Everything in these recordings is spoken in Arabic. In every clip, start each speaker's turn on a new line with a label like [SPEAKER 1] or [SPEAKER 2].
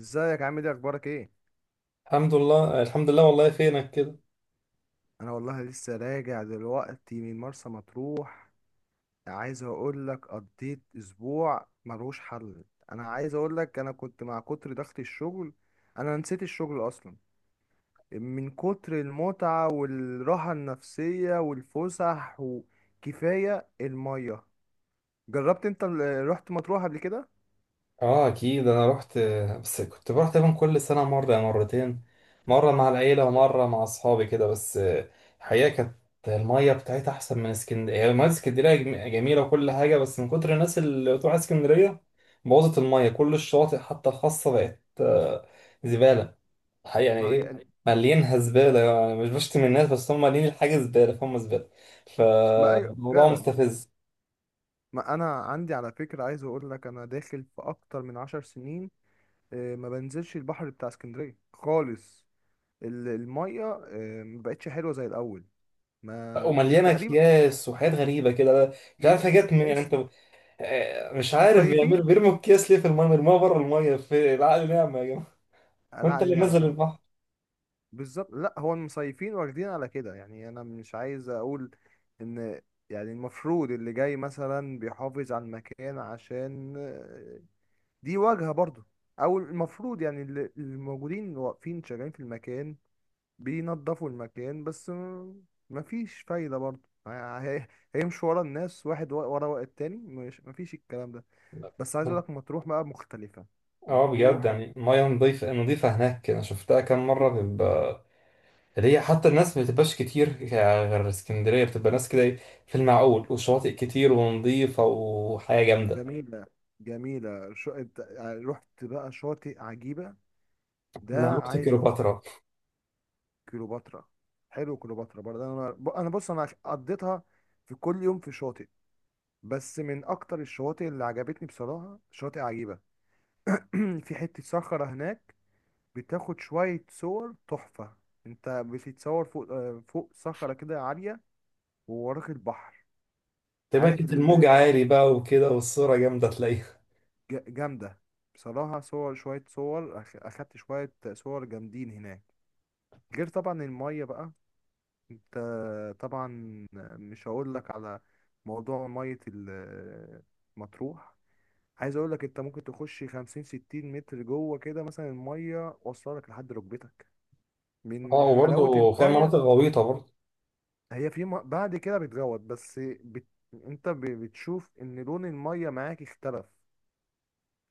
[SPEAKER 1] ازيك، عامل ايه، اخبارك ايه؟
[SPEAKER 2] الحمد لله الحمد لله والله فينك كده؟
[SPEAKER 1] انا والله لسه راجع دلوقتي من مرسى مطروح. عايز اقول لك، قضيت اسبوع ملوش حل. انا عايز اقول لك انا كنت مع كتر ضغط الشغل. انا نسيت الشغل اصلا من كتر المتعة والراحة النفسية والفسح وكفاية المية. جربت انت رحت مطروح قبل كده؟
[SPEAKER 2] اه، اكيد انا رحت. بس كنت بروح تقريبا كل سنه مره أو مرتين، مره مع العيله
[SPEAKER 1] لا.
[SPEAKER 2] ومره مع اصحابي كده بس. الحقيقه كانت الميه بتاعتها احسن من اسكندريه. يعني الميه في اسكندريه جميله وكل حاجه، بس من كتر الناس اللي بتروح اسكندريه بوظت الميه. كل الشواطئ حتى الخاصه بقت زباله. الحقيقه يعني
[SPEAKER 1] ما هي
[SPEAKER 2] ايه،
[SPEAKER 1] حقيقي.
[SPEAKER 2] مالينها زباله. يعني مش بشتم الناس، بس هم مالين الحاجه زباله فهم زباله.
[SPEAKER 1] ما أيوة
[SPEAKER 2] فالموضوع
[SPEAKER 1] فعلا.
[SPEAKER 2] مستفز.
[SPEAKER 1] ما انا عندي على فكرة، عايز اقول لك، انا داخل في اكتر من 10 سنين ما بنزلش البحر بتاع اسكندريه خالص. الميه ما بقتش حلوه زي الاول. ما
[SPEAKER 2] ومليانه
[SPEAKER 1] تقريبا.
[SPEAKER 2] اكياس وحاجات غريبه كده، مش
[SPEAKER 1] ي-
[SPEAKER 2] عارف حاجات من يعني
[SPEAKER 1] يس.
[SPEAKER 2] انت. مش عارف بيعملوا
[SPEAKER 1] مصيفين.
[SPEAKER 2] بيرموا الكيس ليه في الميه، بيرموها بره الميه. في العقل نعمه يا جماعه. ما
[SPEAKER 1] انا
[SPEAKER 2] انت
[SPEAKER 1] علي
[SPEAKER 2] اللي
[SPEAKER 1] نعمه،
[SPEAKER 2] نزل
[SPEAKER 1] فانا
[SPEAKER 2] البحر.
[SPEAKER 1] بالظبط. لا، هو المصيفين واخدين على كده. يعني انا مش عايز اقول ان، يعني المفروض اللي جاي مثلا بيحافظ على المكان، عشان دي واجهه برضو. او المفروض يعني اللي موجودين واقفين شغالين في المكان بينضفوا المكان، بس مفيش فايدة برضه. ه- هي- هيمشوا ورا الناس، واحد ورا التاني؟ مش، مفيش الكلام ده. بس عايز اقولك مطروح بقى مختلفة.
[SPEAKER 2] اه بجد،
[SPEAKER 1] مطروح
[SPEAKER 2] يعني الميه نظيفه نظيفه هناك. انا شفتها كام
[SPEAKER 1] ج-
[SPEAKER 2] مره بيبقى اللي هي حتى الناس ما بتبقاش كتير غير اسكندريه، بتبقى ناس كده إيه، في المعقول، وشواطئ كتير ونظيفه وحياه جامده.
[SPEAKER 1] جميلة. جميلة. رحت بقى شاطئ عجيبة
[SPEAKER 2] لا،
[SPEAKER 1] ده؟
[SPEAKER 2] رحت
[SPEAKER 1] عايزه
[SPEAKER 2] كليوباترا.
[SPEAKER 1] كليوباترا. حلو، كليوباترا برضه. انا انا بص، انا قضيتها في كل يوم في شاطئ. بس من اكتر الشواطئ اللي عجبتني بصراحة شاطئ عجيبة. في حتة صخرة هناك بتاخد شوية صور تحفة. انت بتتصور فوق، فوق صخرة كده عالية ووراك البحر.
[SPEAKER 2] تقريبا
[SPEAKER 1] عارف
[SPEAKER 2] كانت الموج عالي بقى وكده، والصوره جامده تلاقيها.
[SPEAKER 1] جامدة. بصراحة صور، شوية صور أخدت شوية صور جامدين هناك، غير طبعا المية بقى. انت طبعا مش هقول لك على موضوع مية مطروح. عايز اقول لك، انت ممكن تخش 50 60 متر جوه كده، مثلا المية واصلة لك لحد ركبتك
[SPEAKER 2] اه،
[SPEAKER 1] من حلاوة
[SPEAKER 2] وبرضه فيها
[SPEAKER 1] المية.
[SPEAKER 2] مناطق غويطه برضه.
[SPEAKER 1] بعد كده بتغوط بس. بت... انت بتشوف ان لون الميه معاك اختلف.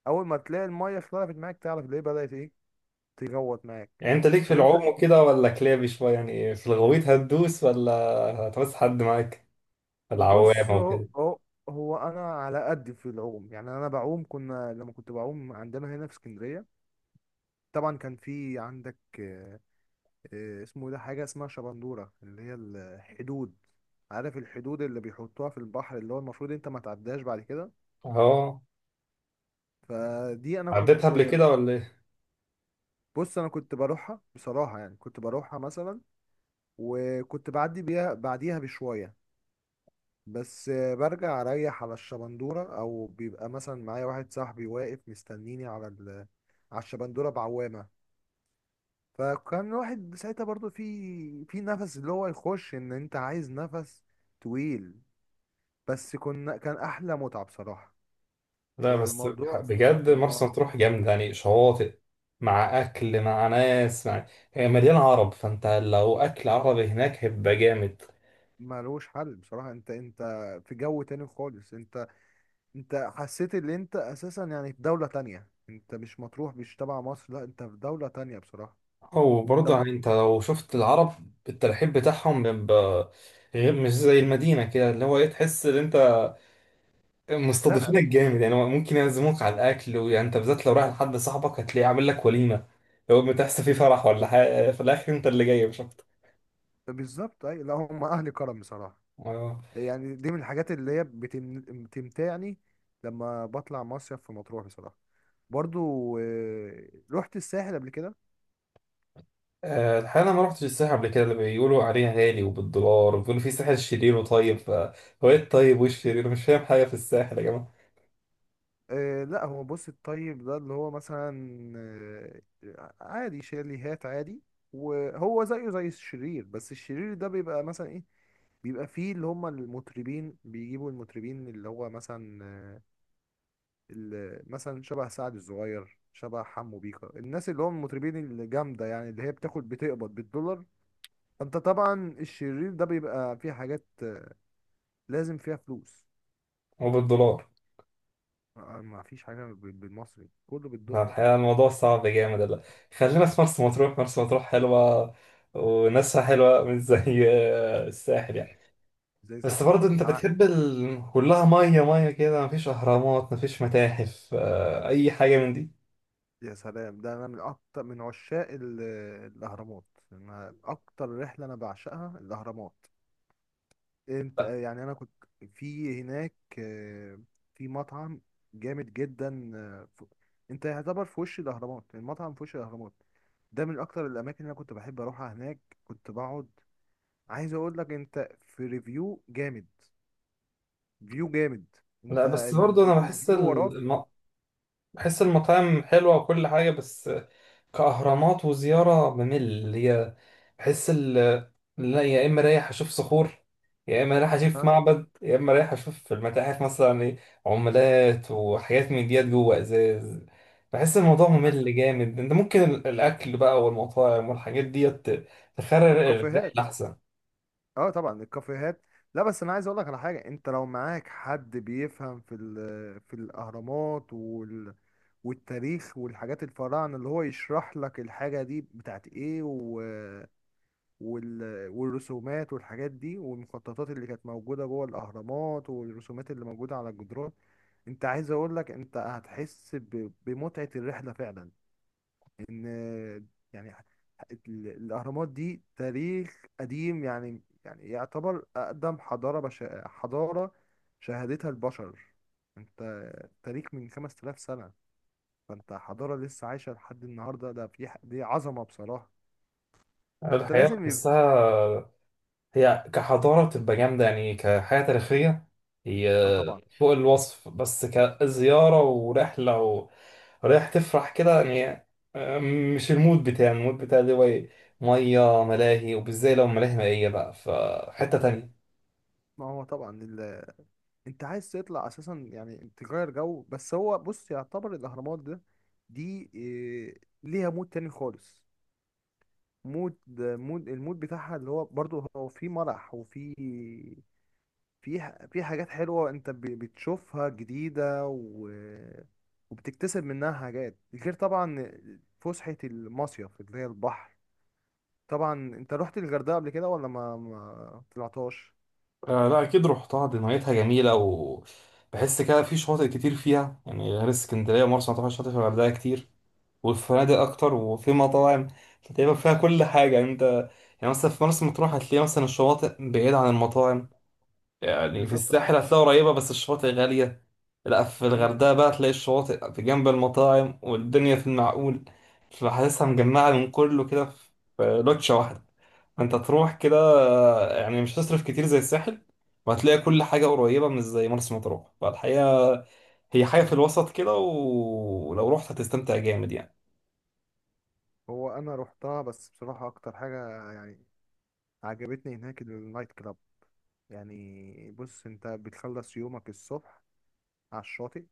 [SPEAKER 1] اول ما تلاقي الميه اختلفت معاك، تعرف ليه؟ بدأت ايه تغوط معاك.
[SPEAKER 2] يعني انت ليك في
[SPEAKER 1] طب يعني انت
[SPEAKER 2] العوم
[SPEAKER 1] انت
[SPEAKER 2] وكده ولا كلابي شويه، يعني في الغويط هتدوس ولا هتبص حد معاك
[SPEAKER 1] بص.
[SPEAKER 2] العوامه
[SPEAKER 1] هو
[SPEAKER 2] وكده؟
[SPEAKER 1] هو انا على قد في العوم. يعني انا بعوم، كنا لما كنت بعوم عندنا هنا في اسكندريه، طبعا كان في عندك اسمه إيه ده، حاجه اسمها شبندوره، اللي هي الحدود. عارف الحدود اللي بيحطوها في البحر، اللي هو المفروض انت ما تعداش بعد كده.
[SPEAKER 2] اه،
[SPEAKER 1] فدي انا
[SPEAKER 2] عديتها قبل
[SPEAKER 1] كنت،
[SPEAKER 2] كده ولا ايه؟
[SPEAKER 1] بص، انا كنت بروحها بصراحه. يعني كنت بروحها مثلا، وكنت بعدي بيها، بعديها بشويه، بس برجع اريح على الشبندوره. او بيبقى مثلا معايا واحد صاحبي واقف مستنيني على على الشبندوره بعوامه. فكان الواحد ساعتها برضو في، نفس اللي هو يخش، ان انت عايز نفس طويل. بس كنا، كان احلى متعه بصراحه.
[SPEAKER 2] لا بس،
[SPEAKER 1] موضوع
[SPEAKER 2] بجد مرسى
[SPEAKER 1] مو-
[SPEAKER 2] مطروح جامده، يعني شواطئ مع اكل مع ناس مع، هي مليانه عرب، فانت لو اكل عربي هناك هيبقى جامد.
[SPEAKER 1] ملوش حل بصراحه. انت، في جو تاني خالص. انت، انت حسيت ان انت اساسا يعني في دولة تانية. انت مش مطروح، مش تبع مصر، لا انت في دولة تانية بصراحة.
[SPEAKER 2] وبرضه
[SPEAKER 1] طب.
[SPEAKER 2] يعني انت لو شفت العرب الترحيب بتاعهم بيبقى غير، مش زي المدينه كده، اللي هو ايه، تحس ان انت
[SPEAKER 1] لا
[SPEAKER 2] مستضيفينك
[SPEAKER 1] ب...
[SPEAKER 2] جامد. يعني هو ممكن يعزموك على الاكل، ويعني انت بالذات لو رايح لحد صاحبك هتلاقيه عامل لك وليمه. لو بتحس فيه فرح ولا حاجه في الاخر انت اللي جاي مش اكتر.
[SPEAKER 1] بالظبط، اي، لا هم اهل كرم بصراحة.
[SPEAKER 2] آه.
[SPEAKER 1] يعني دي من الحاجات اللي هي بتمتعني لما بطلع مصيف في مطروح بصراحة. برضو رحت الساحل قبل كده؟
[SPEAKER 2] الحقيقه انا ما رحتش الساحل قبل كده، اللي بيقولوا عليها غالي وبالدولار، وبيقولوا في ساحل شرير وطيب هو ايه الطيب وايه الشرير؟ أنا مش فاهم حاجه في الساحل يا جماعه.
[SPEAKER 1] لا هو بص، الطيب ده اللي هو مثلا آه، عادي، شاليهات عادي. وهو زيه زي الشرير، بس الشرير ده بيبقى مثلا ايه، بيبقى فيه اللي هم المطربين. بيجيبوا المطربين اللي هو مثلا، اللي مثلا شبه سعد الصغير، شبه حمو بيكا، الناس اللي هم المطربين الجامدة، يعني اللي هي بتاخد، بتقبض بالدولار. فانت طبعا الشرير ده بيبقى فيه حاجات لازم فيها فلوس.
[SPEAKER 2] هو بالدولار؟
[SPEAKER 1] ما فيش حاجة بالمصري، كله بالدولار.
[SPEAKER 2] فالحقيقه الموضوع صعب جامد. لا، خلينا في مرسى مطروح. مرسى مطروح حلوه وناسها حلوه، مش زي الساحل يعني.
[SPEAKER 1] مفيش زي
[SPEAKER 2] بس برضه انت
[SPEAKER 1] انا.
[SPEAKER 2] بتحب كلها ميه ميه كده، مفيش اهرامات مفيش متاحف اي حاجه من دي.
[SPEAKER 1] يا سلام، ده انا من اكتر من عشاق الاهرامات. أنا اكتر رحلة انا بعشقها الاهرامات. انت يعني انا كنت في هناك آه، في مطعم جامد جدا. انت يعتبر في وش الاهرامات، يعني المطعم في وش الاهرامات. ده من اكتر الاماكن اللي انا كنت بحب اروحها، هناك كنت بقعد. عايز اقول لك انت، في ريفيو جامد، فيو جامد.
[SPEAKER 2] لا
[SPEAKER 1] انت
[SPEAKER 2] بس برضه انا
[SPEAKER 1] الفيو وراك.
[SPEAKER 2] بحس المطاعم حلوه وكل حاجه. بس كأهرامات وزيارة بمل هي. بحس ال لا، يا إما رايح أشوف صخور، يا إما رايح أشوف
[SPEAKER 1] ها.
[SPEAKER 2] معبد، يا إما رايح أشوف في المتاحف مثلا إيه، عملات وحاجات من ديت جوه إزاز. بحس الموضوع
[SPEAKER 1] مع-
[SPEAKER 2] ممل جامد. أنت ممكن الأكل بقى والمطاعم والحاجات ديت تخرر الرحلة
[SPEAKER 1] والكافيهات.
[SPEAKER 2] أحسن.
[SPEAKER 1] اه طبعا الكافيهات. لا بس انا عايز اقول لك على حاجه، انت لو معاك حد بيفهم في في الاهرامات والتاريخ والحاجات الفراعنة، اللي هو يشرح لك الحاجة دي بتاعت ايه، وال... والرسومات والحاجات دي والمخططات اللي كانت موجودة جوه الأهرامات، والرسومات اللي موجودة على الجدران، انت عايز اقول لك انت هتحس بمتعة الرحلة فعلا. ان يعني الأهرامات دي تاريخ قديم، يعني يعتبر أقدم حضارة حضارة شهدتها البشر. انت تاريخ من 5000 سنة. فانت حضارة لسه عايشة لحد النهاردة، ده في دي عظمة بصراحة. فانت
[SPEAKER 2] الحياة
[SPEAKER 1] لازم يبقى،
[SPEAKER 2] بحسها هي كحضارة بتبقى جامدة، يعني كحياة تاريخية هي
[SPEAKER 1] آه طبعا.
[SPEAKER 2] فوق الوصف، بس كزيارة ورحلة، ورايح تفرح كده يعني. آه، مش المود بتاعي. المود بتاعي اللي هو إيه؟ مية ملاهي، وبالذات لو ملاهي مائية بقى فحتة تانية.
[SPEAKER 1] ما هو طبعا انت عايز تطلع اساسا يعني تغير جو، بس هو بص، يعتبر الاهرامات ده، دي ليها مود تاني خالص. مود المود بتاعها، اللي هو برضو هو في مرح، وفي، في في حاجات حلوة انت بتشوفها جديدة وبتكتسب منها حاجات، غير طبعا فسحة المصيف اللي هي البحر. طبعا انت رحت الغردقه قبل كده ولا ما طلعتهاش؟
[SPEAKER 2] آه لا أكيد رحتها، دي ميتها جميلة. وبحس كده في شواطئ كتير فيها، يعني غير اسكندرية ومرسى مطروح، شاطئ في الغردقة كتير والفنادق اكتر
[SPEAKER 1] مم.
[SPEAKER 2] وفي مطاعم. فتقريبا فيها كل حاجه، يعني انت يعني مثلا في مرسى مطروح هتلاقي مثلا الشواطئ بعيده عن المطاعم. يعني في
[SPEAKER 1] بالظبط، اه.
[SPEAKER 2] الساحل هتلاقي قريبه بس الشواطئ غاليه. لا، في
[SPEAKER 1] مم.
[SPEAKER 2] الغردقه بقى تلاقي الشواطئ في جنب المطاعم، والدنيا في المعقول. فحاسسها مجمعه من كله كده في لوتشه واحده. فانت تروح كده، يعني مش هتصرف كتير زي الساحل، وهتلاقي كل حاجه قريبه، مش زي مرسى مطروح. فالحقيقه هي حاجه في الوسط كده، ولو رحت هتستمتع جامد يعني.
[SPEAKER 1] هو انا رحتها. بس بصراحه اكتر حاجه يعني عجبتني هناك النايت كلاب. يعني بص، انت بتخلص يومك الصبح على الشاطئ.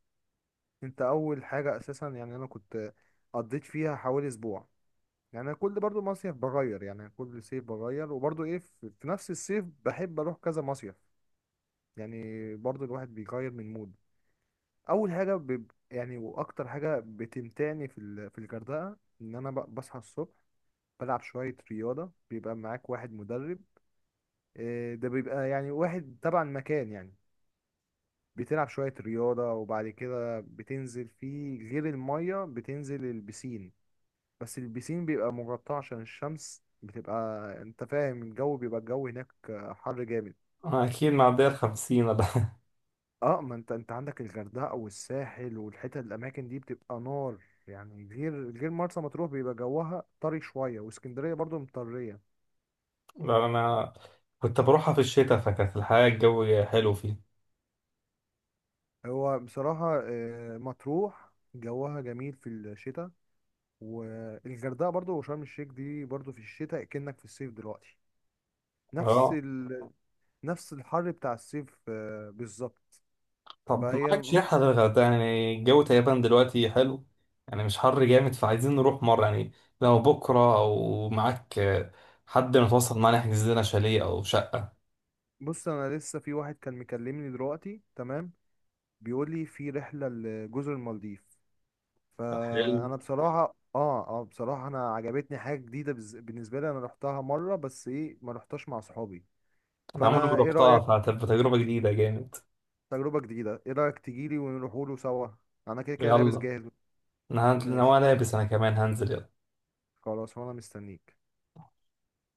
[SPEAKER 1] انت اول حاجه اساسا، يعني انا كنت قضيت فيها حوالي اسبوع. يعني انا كل برضو مصيف بغير، يعني كل صيف بغير، وبرضو ايه، في نفس الصيف بحب اروح كذا مصيف. يعني برضو الواحد بيغير من مود. اول حاجه يعني واكتر حاجه بتمتعني في في الغردقه، ان انا بصحى الصبح بلعب شويه رياضه. بيبقى معاك واحد مدرب، ده بيبقى يعني واحد تبع المكان يعني. بتلعب شويه رياضه، وبعد كده بتنزل في غير الميه، بتنزل البسين. بس البسين بيبقى مغطى عشان الشمس بتبقى، انت فاهم، الجو بيبقى، الجو هناك حر جامد.
[SPEAKER 2] أكيد معدية 50 ولا
[SPEAKER 1] اه، ما انت عندك الغردقه والساحل والحتت، الاماكن دي بتبقى نار. يعني غير مرسى مطروح بيبقى جوها طري شويه، واسكندريه برضو مطريه.
[SPEAKER 2] لا أنا كنت بروحها في الشتاء، فكانت الحياة الجو حلو فيها.
[SPEAKER 1] هو بصراحه مطروح جوها جميل في الشتاء، والغردقه برضو، وشرم الشيخ دي برضو في الشتاء كأنك في الصيف دلوقتي. نفس
[SPEAKER 2] اه،
[SPEAKER 1] نفس الحر بتاع الصيف، بالظبط.
[SPEAKER 2] طب
[SPEAKER 1] فهي
[SPEAKER 2] معاك
[SPEAKER 1] م-
[SPEAKER 2] شيح على الغردقة؟ يعني الجو تقريبا دلوقتي حلو، يعني مش حر جامد. فعايزين نروح مرة يعني، لو بكرة أو معاك حد متواصل معانا يحجز لنا شاليه أو شقة.
[SPEAKER 1] بص انا لسه في واحد كان مكلمني دلوقتي تمام، بيقول لي في رحله لجزر المالديف.
[SPEAKER 2] حلو،
[SPEAKER 1] فانا بصراحه، بصراحه انا عجبتني حاجه جديده. بالنسبه لي انا رحتها مره، بس ايه، ما رحتهاش مع صحابي.
[SPEAKER 2] أنا عمري ما
[SPEAKER 1] فانا ايه
[SPEAKER 2] روحتها،
[SPEAKER 1] رايك؟
[SPEAKER 2] فهتبقى تجربة جديدة جامد.
[SPEAKER 1] تجربه جديده، ايه رايك تجيلي ونروحوله سوا؟ انا كده كده لابس
[SPEAKER 2] يلا،
[SPEAKER 1] جاهز. ماشي،
[SPEAKER 2] أنا لابس، أنا كمان هنزل. يلا.
[SPEAKER 1] خلاص، وانا مستنيك.